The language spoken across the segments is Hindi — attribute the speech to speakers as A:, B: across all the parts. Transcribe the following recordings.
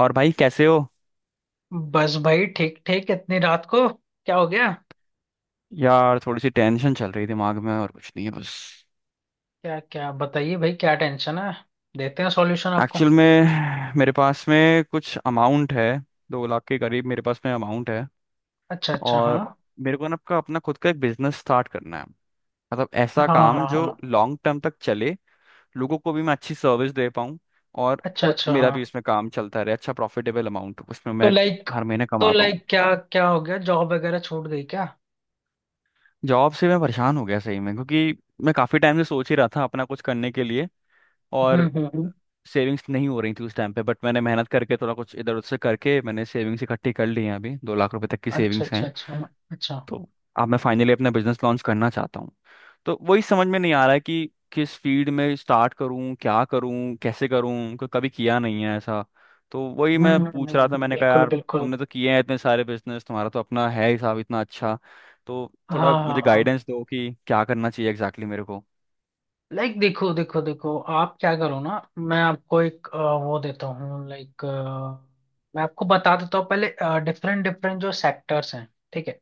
A: और भाई कैसे हो।
B: बस भाई ठीक ठीक इतनी रात को क्या हो गया?
A: यार थोड़ी सी टेंशन चल रही दिमाग में, और कुछ नहीं है बस।
B: क्या क्या बताइए भाई, क्या टेंशन है? देते हैं सॉल्यूशन आपको।
A: एक्चुअल में मेरे पास में कुछ अमाउंट है, 2 लाख के करीब मेरे पास में अमाउंट है।
B: अच्छा अच्छा, हाँ।
A: और मेरे को ना अपना अपना खुद का एक बिजनेस स्टार्ट करना है, मतलब ऐसा
B: हाँ हाँ
A: काम
B: हाँ
A: जो
B: हाँ।
A: लॉन्ग टर्म तक चले, लोगों को भी मैं अच्छी सर्विस दे पाऊँ। और
B: अच्छा अच्छा,
A: मेरा भी
B: हाँ।
A: इसमें काम चलता रहे, अच्छा प्रॉफिटेबल अमाउंट उसमें
B: तो
A: मैं
B: लाइक
A: हर महीने
B: तो
A: कमा पाऊँ।
B: लाइक क्या क्या हो गया, जॉब वगैरह छूट गई क्या?
A: जॉब से मैं परेशान हो गया सही में, क्योंकि मैं काफ़ी टाइम से सोच ही रहा था अपना कुछ करने के लिए।
B: हम्म
A: और
B: हम्म हम्म,
A: सेविंग्स तो नहीं हो रही थी उस टाइम पे, बट मैंने मेहनत करके थोड़ा कुछ इधर उधर से करके मैंने सेविंग्स इकट्ठी कर ली हैं, अभी 2 लाख रुपए तक की
B: अच्छा
A: सेविंग्स
B: अच्छा
A: हैं।
B: अच्छा। अच्छा।
A: तो अब मैं फाइनली अपना बिजनेस लॉन्च करना चाहता हूँ। तो वही समझ में नहीं आ रहा है कि किस फील्ड में स्टार्ट करूँ, क्या करूँ, कैसे करूँ, कभी किया नहीं है ऐसा। तो वही मैं पूछ रहा था, मैंने कहा
B: बिल्कुल
A: यार,
B: बिल्कुल।
A: तुमने तो किए हैं इतने सारे बिजनेस, तुम्हारा तो अपना है हिसाब इतना अच्छा, तो थोड़ा
B: हाँ हाँ
A: मुझे
B: हाँ।
A: गाइडेंस दो कि क्या करना चाहिए एग्जैक्टली मेरे को।
B: लाइक देखो देखो देखो, आप क्या करो ना, मैं आपको एक वो देता हूँ। लाइक मैं आपको बता देता हूँ पहले डिफरेंट डिफरेंट जो सेक्टर्स हैं। ठीक है।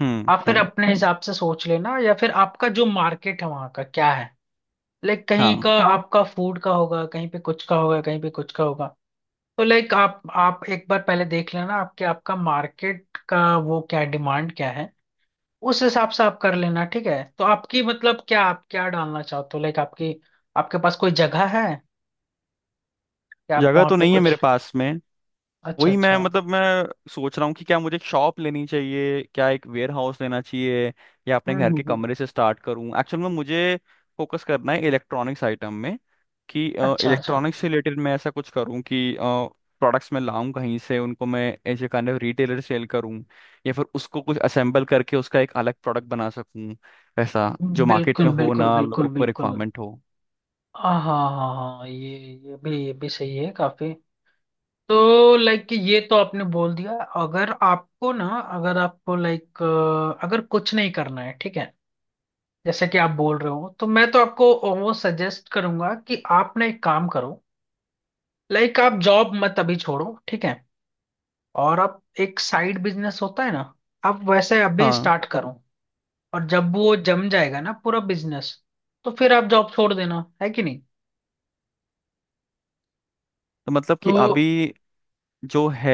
B: आप फिर
A: हम्म।
B: अपने हिसाब से सोच लेना, या फिर आपका जो मार्केट है वहां का क्या है। लाइक
A: हाँ,
B: कहीं का आपका फूड का होगा, कहीं पे कुछ का होगा, कहीं पे कुछ का होगा। तो लाइक आप एक बार पहले देख लेना आपके आपका मार्केट का वो क्या डिमांड क्या है, उस हिसाब से आप कर लेना। ठीक है, तो आपकी मतलब, क्या आप क्या डालना चाहते हो, लाइक आपकी, आपके पास कोई जगह है, या आप
A: जगह
B: वहां
A: तो
B: पे
A: नहीं है
B: कुछ?
A: मेरे पास में।
B: अच्छा
A: वही मैं
B: अच्छा।
A: मतलब मैं सोच रहा हूँ कि क्या मुझे एक शॉप लेनी चाहिए, क्या एक वेयर हाउस लेना चाहिए, या अपने
B: हम्म
A: घर
B: हम्म
A: के
B: हम्म।
A: कमरे से स्टार्ट करूँ। एक्चुअल में मुझे फोकस करना है इलेक्ट्रॉनिक्स आइटम में, कि
B: अच्छा अच्छा।
A: इलेक्ट्रॉनिक्स से रिलेटेड मैं ऐसा कुछ करूँ कि प्रोडक्ट्स मैं लाऊं कहीं से, उनको मैं ऐसे काइंड ऑफ रिटेलर सेल करूँ, या फिर उसको कुछ असेंबल करके उसका एक अलग प्रोडक्ट बना सकूँ, ऐसा जो मार्केट में
B: बिल्कुल
A: हो
B: बिल्कुल
A: ना,
B: बिल्कुल
A: लोगों को
B: बिल्कुल।
A: रिक्वायरमेंट हो।
B: हाँ हाँ हाँ हाँ, ये भी सही है काफी। तो लाइक ये तो आपने बोल दिया। अगर आपको लाइक, अगर कुछ नहीं करना है, ठीक है, जैसे कि आप बोल रहे हो, तो मैं तो आपको वो सजेस्ट करूंगा कि आप ना एक काम करो। लाइक आप जॉब मत अभी छोड़ो, ठीक है। और आप एक साइड बिजनेस होता है ना, आप वैसे अभी
A: हाँ,
B: स्टार्ट करो। और जब वो जम जाएगा ना पूरा बिजनेस, तो फिर आप जॉब छोड़ देना है कि नहीं।
A: तो मतलब
B: तो,
A: कि अभी जो है,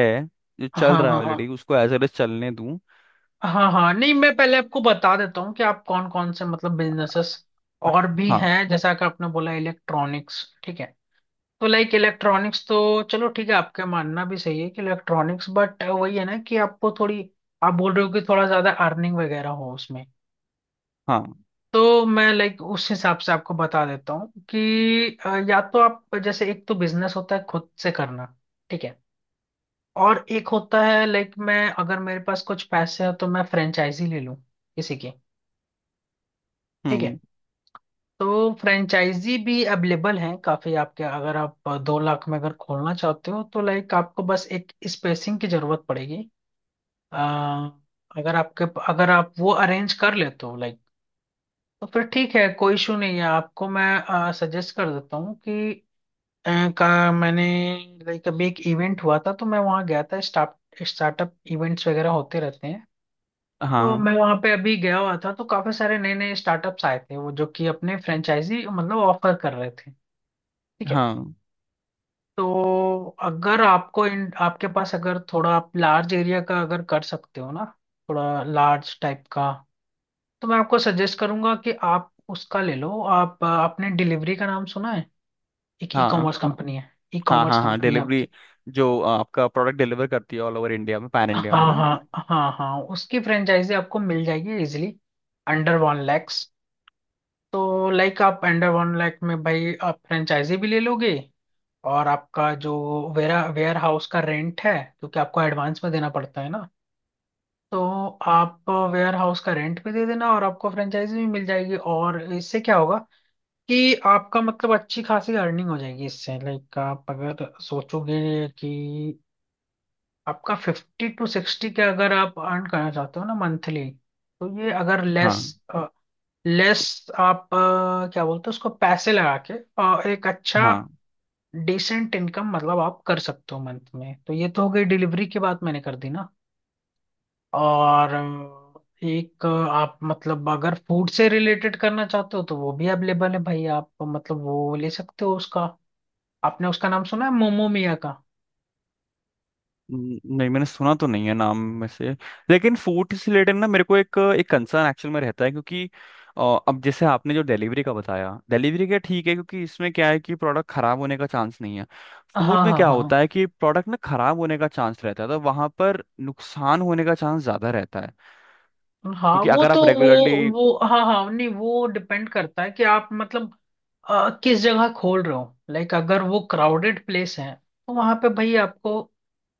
A: जो
B: हाँ
A: चल रहा है
B: हाँ हाँ।
A: ऑलरेडी, उसको एज एल एज चलने दूं।
B: हाँ हाँ, नहीं मैं पहले आपको बता देता हूँ कि आप कौन कौन से, मतलब बिजनेसेस और भी
A: हाँ
B: हैं, जैसा कि आपने बोला इलेक्ट्रॉनिक्स। ठीक है, तो लाइक इलेक्ट्रॉनिक्स तो, चलो ठीक है आपका मानना भी सही है कि इलेक्ट्रॉनिक्स, बट वही है ना कि आपको थोड़ी, आप बोल रहे हो कि थोड़ा ज्यादा अर्निंग वगैरह हो उसमें।
A: हाँ।
B: तो मैं लाइक उस हिसाब से आपको बता देता हूँ कि या तो आप जैसे, एक तो बिजनेस होता है खुद से करना, ठीक है, और एक होता है लाइक, मैं अगर मेरे पास कुछ पैसे हैं तो मैं फ्रेंचाइजी ले लूँ किसी की, ठीक है।
A: हम्म।
B: तो फ्रेंचाइजी भी अवेलेबल हैं काफी आपके, अगर आप 2 लाख में अगर खोलना चाहते हो, तो लाइक आपको बस एक स्पेसिंग की जरूरत पड़ेगी। आ, अगर आपके अगर आप वो अरेंज कर लेते हो लाइक, तो फिर ठीक है कोई इशू नहीं है। आपको मैं सजेस्ट कर देता हूँ कि अ, का मैंने लाइक अभी एक इवेंट हुआ था, तो मैं वहाँ गया था, स्टार्टअप इवेंट्स वगैरह होते रहते हैं। तो
A: हाँ
B: मैं वहाँ पे अभी गया हुआ था, तो काफी सारे नए नए स्टार्टअप्स आए थे, वो जो कि अपने फ्रेंचाइजी मतलब ऑफर कर रहे थे। ठीक है,
A: हाँ
B: तो अगर आपको इन आपके पास अगर थोड़ा आप लार्ज एरिया का अगर कर सकते हो ना, थोड़ा लार्ज टाइप का, तो मैं आपको सजेस्ट करूंगा कि आप उसका ले लो। आप आपने डिलीवरी का नाम सुना है? एक ई
A: हाँ
B: कॉमर्स कंपनी है, ई
A: हाँ।
B: कॉमर्स
A: हाँ हाँ,
B: कंपनी है आपकी।
A: डिलीवरी, जो आपका प्रोडक्ट डिलीवर करती है ऑल ओवर इंडिया में, पैन इंडिया में
B: हाँ
A: ना।
B: हाँ हाँ हाँ, उसकी फ्रेंचाइजी आपको मिल जाएगी इजिली अंडर 1 लैक्स। तो लाइक आप अंडर 1 लाख में भाई आप फ्रेंचाइजी भी ले लोगे, और आपका जो वेरा वेयर हाउस का रेंट है, क्योंकि आपको एडवांस में देना पड़ता है ना, तो आप वेयर हाउस का रेंट पे दे देना, और आपको फ्रेंचाइजी भी मिल जाएगी। और इससे क्या होगा कि आपका मतलब अच्छी खासी अर्निंग हो जाएगी इससे। लाइक आप अगर सोचोगे कि आपका 50-60 के अगर आप अर्न करना चाहते हो ना मंथली, तो ये अगर लेस
A: हाँ
B: लेस आप क्या बोलते हो उसको, पैसे लगा के एक अच्छा
A: हाँ,
B: डिसेंट इनकम मतलब आप कर सकते हो मंथ में। तो ये तो हो गई डिलीवरी की बात, मैंने कर दी ना। और एक आप, मतलब अगर फूड से रिलेटेड करना चाहते हो तो वो भी अवेलेबल है भाई, आप मतलब वो ले सकते हो उसका। आपने उसका नाम सुना है, मोमो मिया का?
A: नहीं मैंने सुना तो नहीं है नाम में से। लेकिन फूड से रिलेटेड ना, मेरे को एक एक कंसर्न एक्चुअल में रहता है, क्योंकि अ, अब जैसे आपने जो डिलीवरी का बताया, डिलीवरी का ठीक है, क्योंकि इसमें क्या है कि प्रोडक्ट खराब होने का चांस नहीं है। फूड
B: हाँ
A: में
B: हाँ
A: क्या
B: हाँ
A: होता है कि प्रोडक्ट में खराब होने का चांस रहता है, तो वहां पर नुकसान होने का चांस ज्यादा रहता है,
B: हाँ,
A: क्योंकि
B: वो
A: अगर
B: तो
A: आप
B: वो
A: रेगुलरली।
B: वो हाँ हाँ, नहीं वो डिपेंड करता है कि आप मतलब किस जगह खोल रहे हो। लाइक अगर वो क्राउडेड प्लेस है तो वहां पे भाई आपको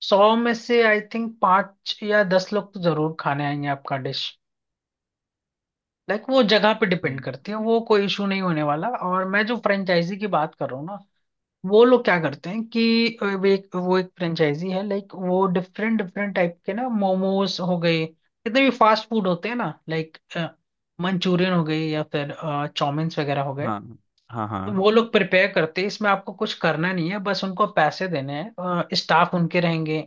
B: 100 में से आई थिंक 5 या 10 लोग तो जरूर खाने आएंगे आपका डिश। लाइक वो जगह पे डिपेंड करती है, वो कोई इशू नहीं होने वाला। और मैं जो फ्रेंचाइजी की बात कर रहा हूँ ना, वो लोग क्या करते हैं कि वो एक फ्रेंचाइजी है लाइक वो डिफरेंट डिफरेंट टाइप के ना, मोमोज हो गए, कितने भी फास्ट फूड होते हैं ना, लाइक मंचूरियन हो गए, या फिर चाउमीन्स वगैरह हो गए।
A: हाँ हाँ
B: तो
A: हाँ।
B: वो लोग प्रिपेयर करते हैं, इसमें आपको कुछ करना नहीं है। बस उनको पैसे देने हैं, स्टाफ उनके रहेंगे।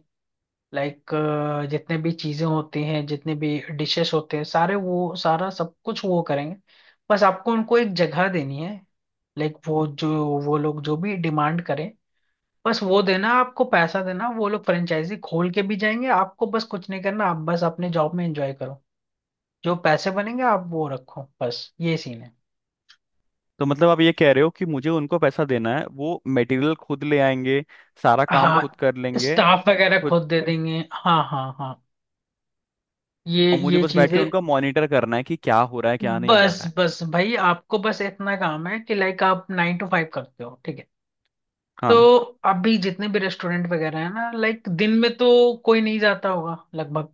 B: लाइक जितने भी चीजें होती हैं, जितने भी डिशेस होते हैं सारे, वो सारा सब कुछ वो करेंगे। बस आपको उनको एक जगह देनी है। लाइक वो जो, वो लोग जो भी डिमांड करें, बस वो देना, आपको पैसा देना, वो लोग फ्रेंचाइजी खोल के भी जाएंगे। आपको बस कुछ नहीं करना, आप बस अपने जॉब में एंजॉय करो। जो पैसे बनेंगे आप वो रखो, बस ये सीन है।
A: तो मतलब आप ये कह रहे हो कि मुझे उनको पैसा देना है, वो मटेरियल खुद ले आएंगे, सारा काम
B: हाँ,
A: खुद कर लेंगे।
B: स्टाफ वगैरह
A: खुद।
B: खुद दे देंगे, हाँ हाँ हाँ। ये
A: और मुझे
B: ये
A: बस बैठ के
B: चीजें,
A: उनका मॉनिटर करना है कि क्या हो रहा है, क्या नहीं हो
B: बस
A: रहा है।
B: बस भाई, आपको बस इतना काम है कि लाइक आप 9 टू 5 करते हो, ठीक है। तो
A: हाँ।
B: अभी जितने भी रेस्टोरेंट वगैरह है ना लाइक, दिन में तो कोई नहीं जाता होगा लगभग।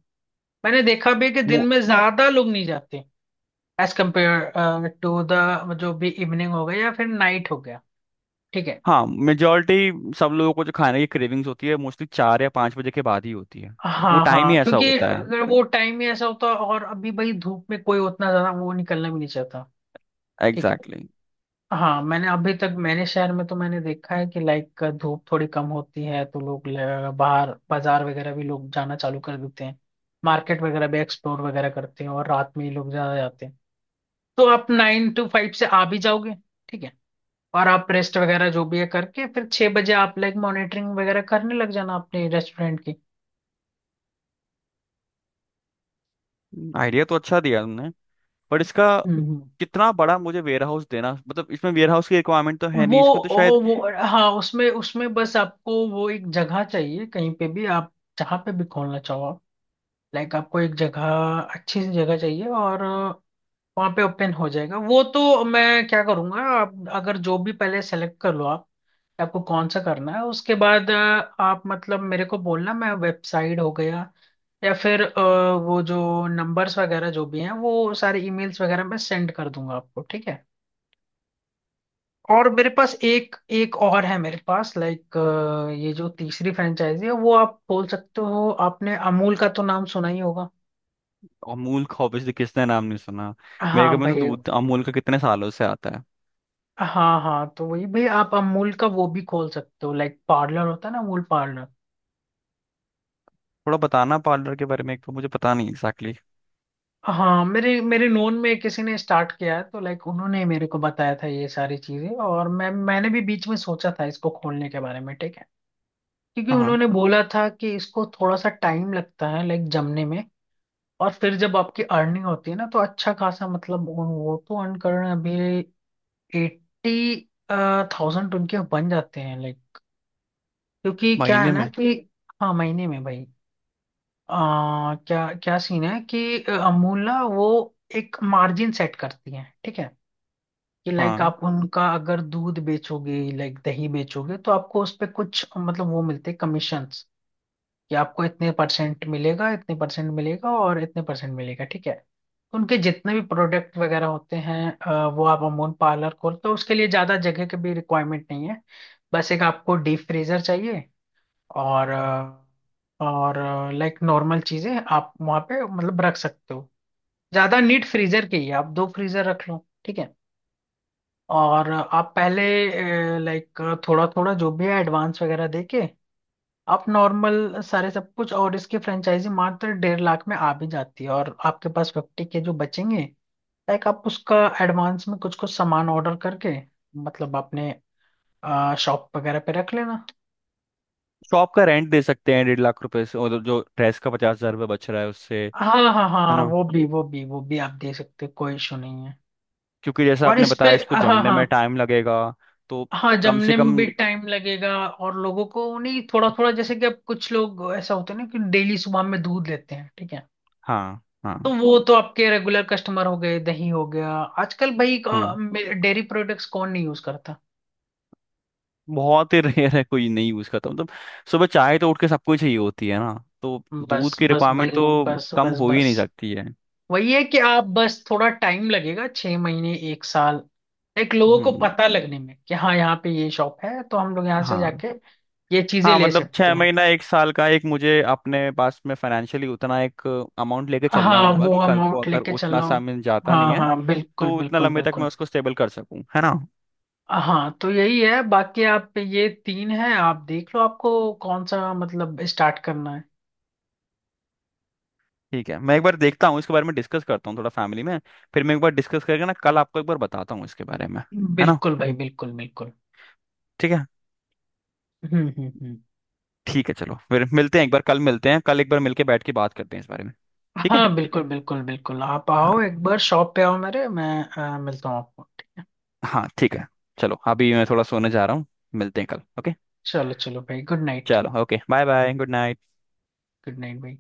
B: मैंने देखा भी है कि दिन
A: मो-
B: में ज्यादा लोग नहीं जाते एज कम्पेयर टू द, जो भी इवनिंग हो गया या फिर नाइट हो गया, ठीक है।
A: हाँ मेजोरिटी सब लोगों को जो खाने की क्रेविंग्स होती है, मोस्टली 4 या 5 बजे के बाद ही होती है। वो
B: हाँ
A: टाइम
B: हाँ,
A: ही ऐसा
B: क्योंकि
A: होता है।
B: अगर वो टाइम ही ऐसा होता, और अभी भाई धूप में कोई उतना ज्यादा वो निकलना भी नहीं चाहता। ठीक है।
A: एग्जैक्टली।
B: हाँ मैंने अभी तक मैंने शहर में तो मैंने देखा है कि लाइक धूप थोड़ी कम होती है तो लोग बाहर बाजार वगैरह भी लोग जाना चालू कर देते हैं, मार्केट वगैरह भी एक्सप्लोर वगैरह करते हैं, और रात में ही लोग ज्यादा जाते हैं। तो आप 9 टू 5 से आ भी जाओगे, ठीक है। और आप रेस्ट वगैरह जो भी है करके फिर 6 बजे आप लाइक मॉनिटरिंग वगैरह करने लग जाना अपने रेस्टोरेंट की।
A: Exactly. आइडिया तो अच्छा दिया तुमने, पर इसका
B: हम्म हम्म।
A: कितना बड़ा मुझे वेयर हाउस देना? मतलब इसमें वेयर हाउस की रिक्वायरमेंट तो है
B: वो,
A: नहीं इसमें तो शायद।
B: वो हाँ, उसमें उसमें बस आपको वो एक जगह चाहिए कहीं पे भी आप जहाँ पे भी खोलना चाहो। लाइक आपको एक जगह, अच्छी सी जगह चाहिए, और वहाँ पे ओपन हो जाएगा वो। तो मैं क्या करूँगा, आप अगर जो भी पहले सेलेक्ट कर लो आप कि आपको कौन सा करना है, उसके बाद आप मतलब मेरे को बोलना, मैं वेबसाइट हो गया या फिर वो जो नंबर्स वगैरह जो भी हैं, वो सारे ईमेल्स वगैरह मैं सेंड कर दूंगा आपको। ठीक है, और मेरे पास एक एक और है मेरे पास, लाइक ये जो तीसरी फ्रेंचाइजी है, वो आप बोल सकते हो, आपने अमूल का तो नाम सुना ही होगा।
A: अमूल का ऑब्वियसली, किसने नाम नहीं सुना? मेरे
B: हाँ
A: घर में तो
B: भाई।
A: दूध अमूल का कितने सालों से आता है।
B: हाँ हाँ, तो वही भाई आप अमूल का वो भी खोल सकते हो, लाइक पार्लर होता है ना, अमूल पार्लर।
A: थोड़ा बताना पार्लर के बारे में, एक तो मुझे पता नहीं एग्जैक्टली। Exactly.
B: हाँ, मेरे मेरे नोन में किसी ने स्टार्ट किया है, तो लाइक उन्होंने मेरे को बताया था ये सारी चीजें, और मैंने भी बीच में सोचा था इसको खोलने के बारे में, ठीक है। क्योंकि
A: हाँ,
B: उन्होंने बोला था कि इसको थोड़ा सा टाइम लगता है लाइक जमने में, और फिर जब आपकी अर्निंग होती है ना, तो अच्छा खासा मतलब वो तो अर्न कर रहे हैं अभी। 80,000 उनके बन जाते हैं, लाइक क्योंकि क्या है
A: महीने
B: ना
A: में।
B: कि, हाँ महीने में भाई। क्या क्या सीन है कि अमूला वो एक मार्जिन सेट करती है, ठीक है, कि लाइक
A: हाँ,
B: आप उनका अगर दूध बेचोगे, लाइक दही बेचोगे, तो आपको उस पे कुछ मतलब वो मिलते हैं, कमीशंस। कि आपको इतने परसेंट मिलेगा, इतने परसेंट मिलेगा, और इतने परसेंट मिलेगा, ठीक है। तो उनके जितने भी प्रोडक्ट वगैरह होते हैं, वो आप अमूल पार्लर खोलते हो, उसके लिए ज़्यादा जगह की भी रिक्वायरमेंट नहीं है। बस एक आपको डीप फ्रीजर चाहिए, और और लाइक नॉर्मल चीजें आप वहां पे मतलब रख सकते हो। ज्यादा नीट फ्रीजर की है, आप दो फ्रीजर रख लो, ठीक है। और आप पहले लाइक थोड़ा थोड़ा जो भी है एडवांस वगैरह देके, आप नॉर्मल सारे सब कुछ। और इसकी फ्रेंचाइजी मात्र 1.5 लाख में आ भी जाती है, और आपके पास 50 के जो बचेंगे, लाइक आप उसका एडवांस में कुछ कुछ सामान ऑर्डर करके, मतलब अपने शॉप वगैरह पे रख लेना।
A: शॉप का रेंट दे सकते हैं 1.5 लाख रुपए से, और जो ड्रेस का 50 हजार रुपये बच रहा है उससे,
B: हाँ हाँ हाँ
A: है
B: हाँ,
A: ना,
B: वो भी वो भी वो भी आप दे सकते हो, कोई इशू नहीं है।
A: क्योंकि जैसा
B: और
A: आपने
B: इस पे
A: बताया इसको
B: हाँ
A: जमने
B: हाँ,
A: में टाइम लगेगा, तो
B: हाँ
A: कम से
B: जमने में
A: कम।
B: भी टाइम लगेगा, और लोगों को नहीं, थोड़ा थोड़ा जैसे कि अब कुछ लोग ऐसा होते हैं ना कि डेली सुबह में दूध लेते हैं, ठीक है।
A: हाँ
B: तो
A: हाँ।
B: वो तो आपके रेगुलर कस्टमर हो गए, दही हो गया। आजकल भाई
A: हम्म।
B: डेयरी प्रोडक्ट्स कौन नहीं यूज करता।
A: बहुत ही रेयर है कोई नहीं यूज करता मतलब। सुबह चाय तो उठ के सबको ही चाहिए होती है ना, तो दूध
B: बस
A: की
B: बस
A: रिक्वायरमेंट
B: भाई,
A: तो
B: बस
A: कम
B: बस
A: हो ही
B: बस,
A: नहीं सकती है।
B: वही है कि आप बस थोड़ा टाइम लगेगा, 6 महीने एक साल, एक लोगों को
A: हम्म।
B: पता लगने में कि हाँ यहाँ पे ये शॉप है तो हम लोग यहाँ से
A: हाँ
B: जाके ये चीजें
A: हाँ,
B: ले
A: मतलब
B: सकते
A: छह
B: हैं।
A: महीना एक साल का एक मुझे अपने पास में फाइनेंशियली उतना एक अमाउंट लेके चलना
B: हाँ
A: होगा,
B: वो
A: कि कल को
B: अमाउंट
A: अगर
B: लेके चल
A: उतना
B: रहा
A: सा
B: हूँ,
A: मिल जाता नहीं
B: हाँ
A: है,
B: हाँ बिल्कुल
A: तो उतना
B: बिल्कुल
A: लंबे तक मैं
B: बिल्कुल।
A: उसको स्टेबल कर सकूं, है ना।
B: हाँ तो यही है, बाकी आप पे, ये तीन है, आप देख लो आपको कौन सा मतलब स्टार्ट करना है।
A: ठीक है, मैं एक बार देखता हूँ इसके बारे में, डिस्कस करता हूँ थोड़ा फैमिली में। फिर मैं एक बार डिस्कस करके ना कल आपको एक बार बताता हूँ इसके बारे में, है ना।
B: बिल्कुल भाई, बिल्कुल बिल्कुल।
A: ठीक है।
B: हम्म।
A: ठीक है, चलो फिर मिलते हैं एक बार, कल मिलते हैं, कल एक बार मिलके बैठ के बात करते हैं इस बारे में। ठीक है।
B: हाँ बिल्कुल बिल्कुल बिल्कुल, आप आओ
A: हाँ,
B: एक बार शॉप पे आओ मेरे मैं मिलता हूँ आपको।
A: हाँ ठीक है। चलो, अभी मैं थोड़ा सोने जा रहा हूँ, मिलते हैं कल, ओके।
B: चलो चलो भाई, गुड नाइट।
A: चलो, okay, bye bye, good night.
B: Good night भाई।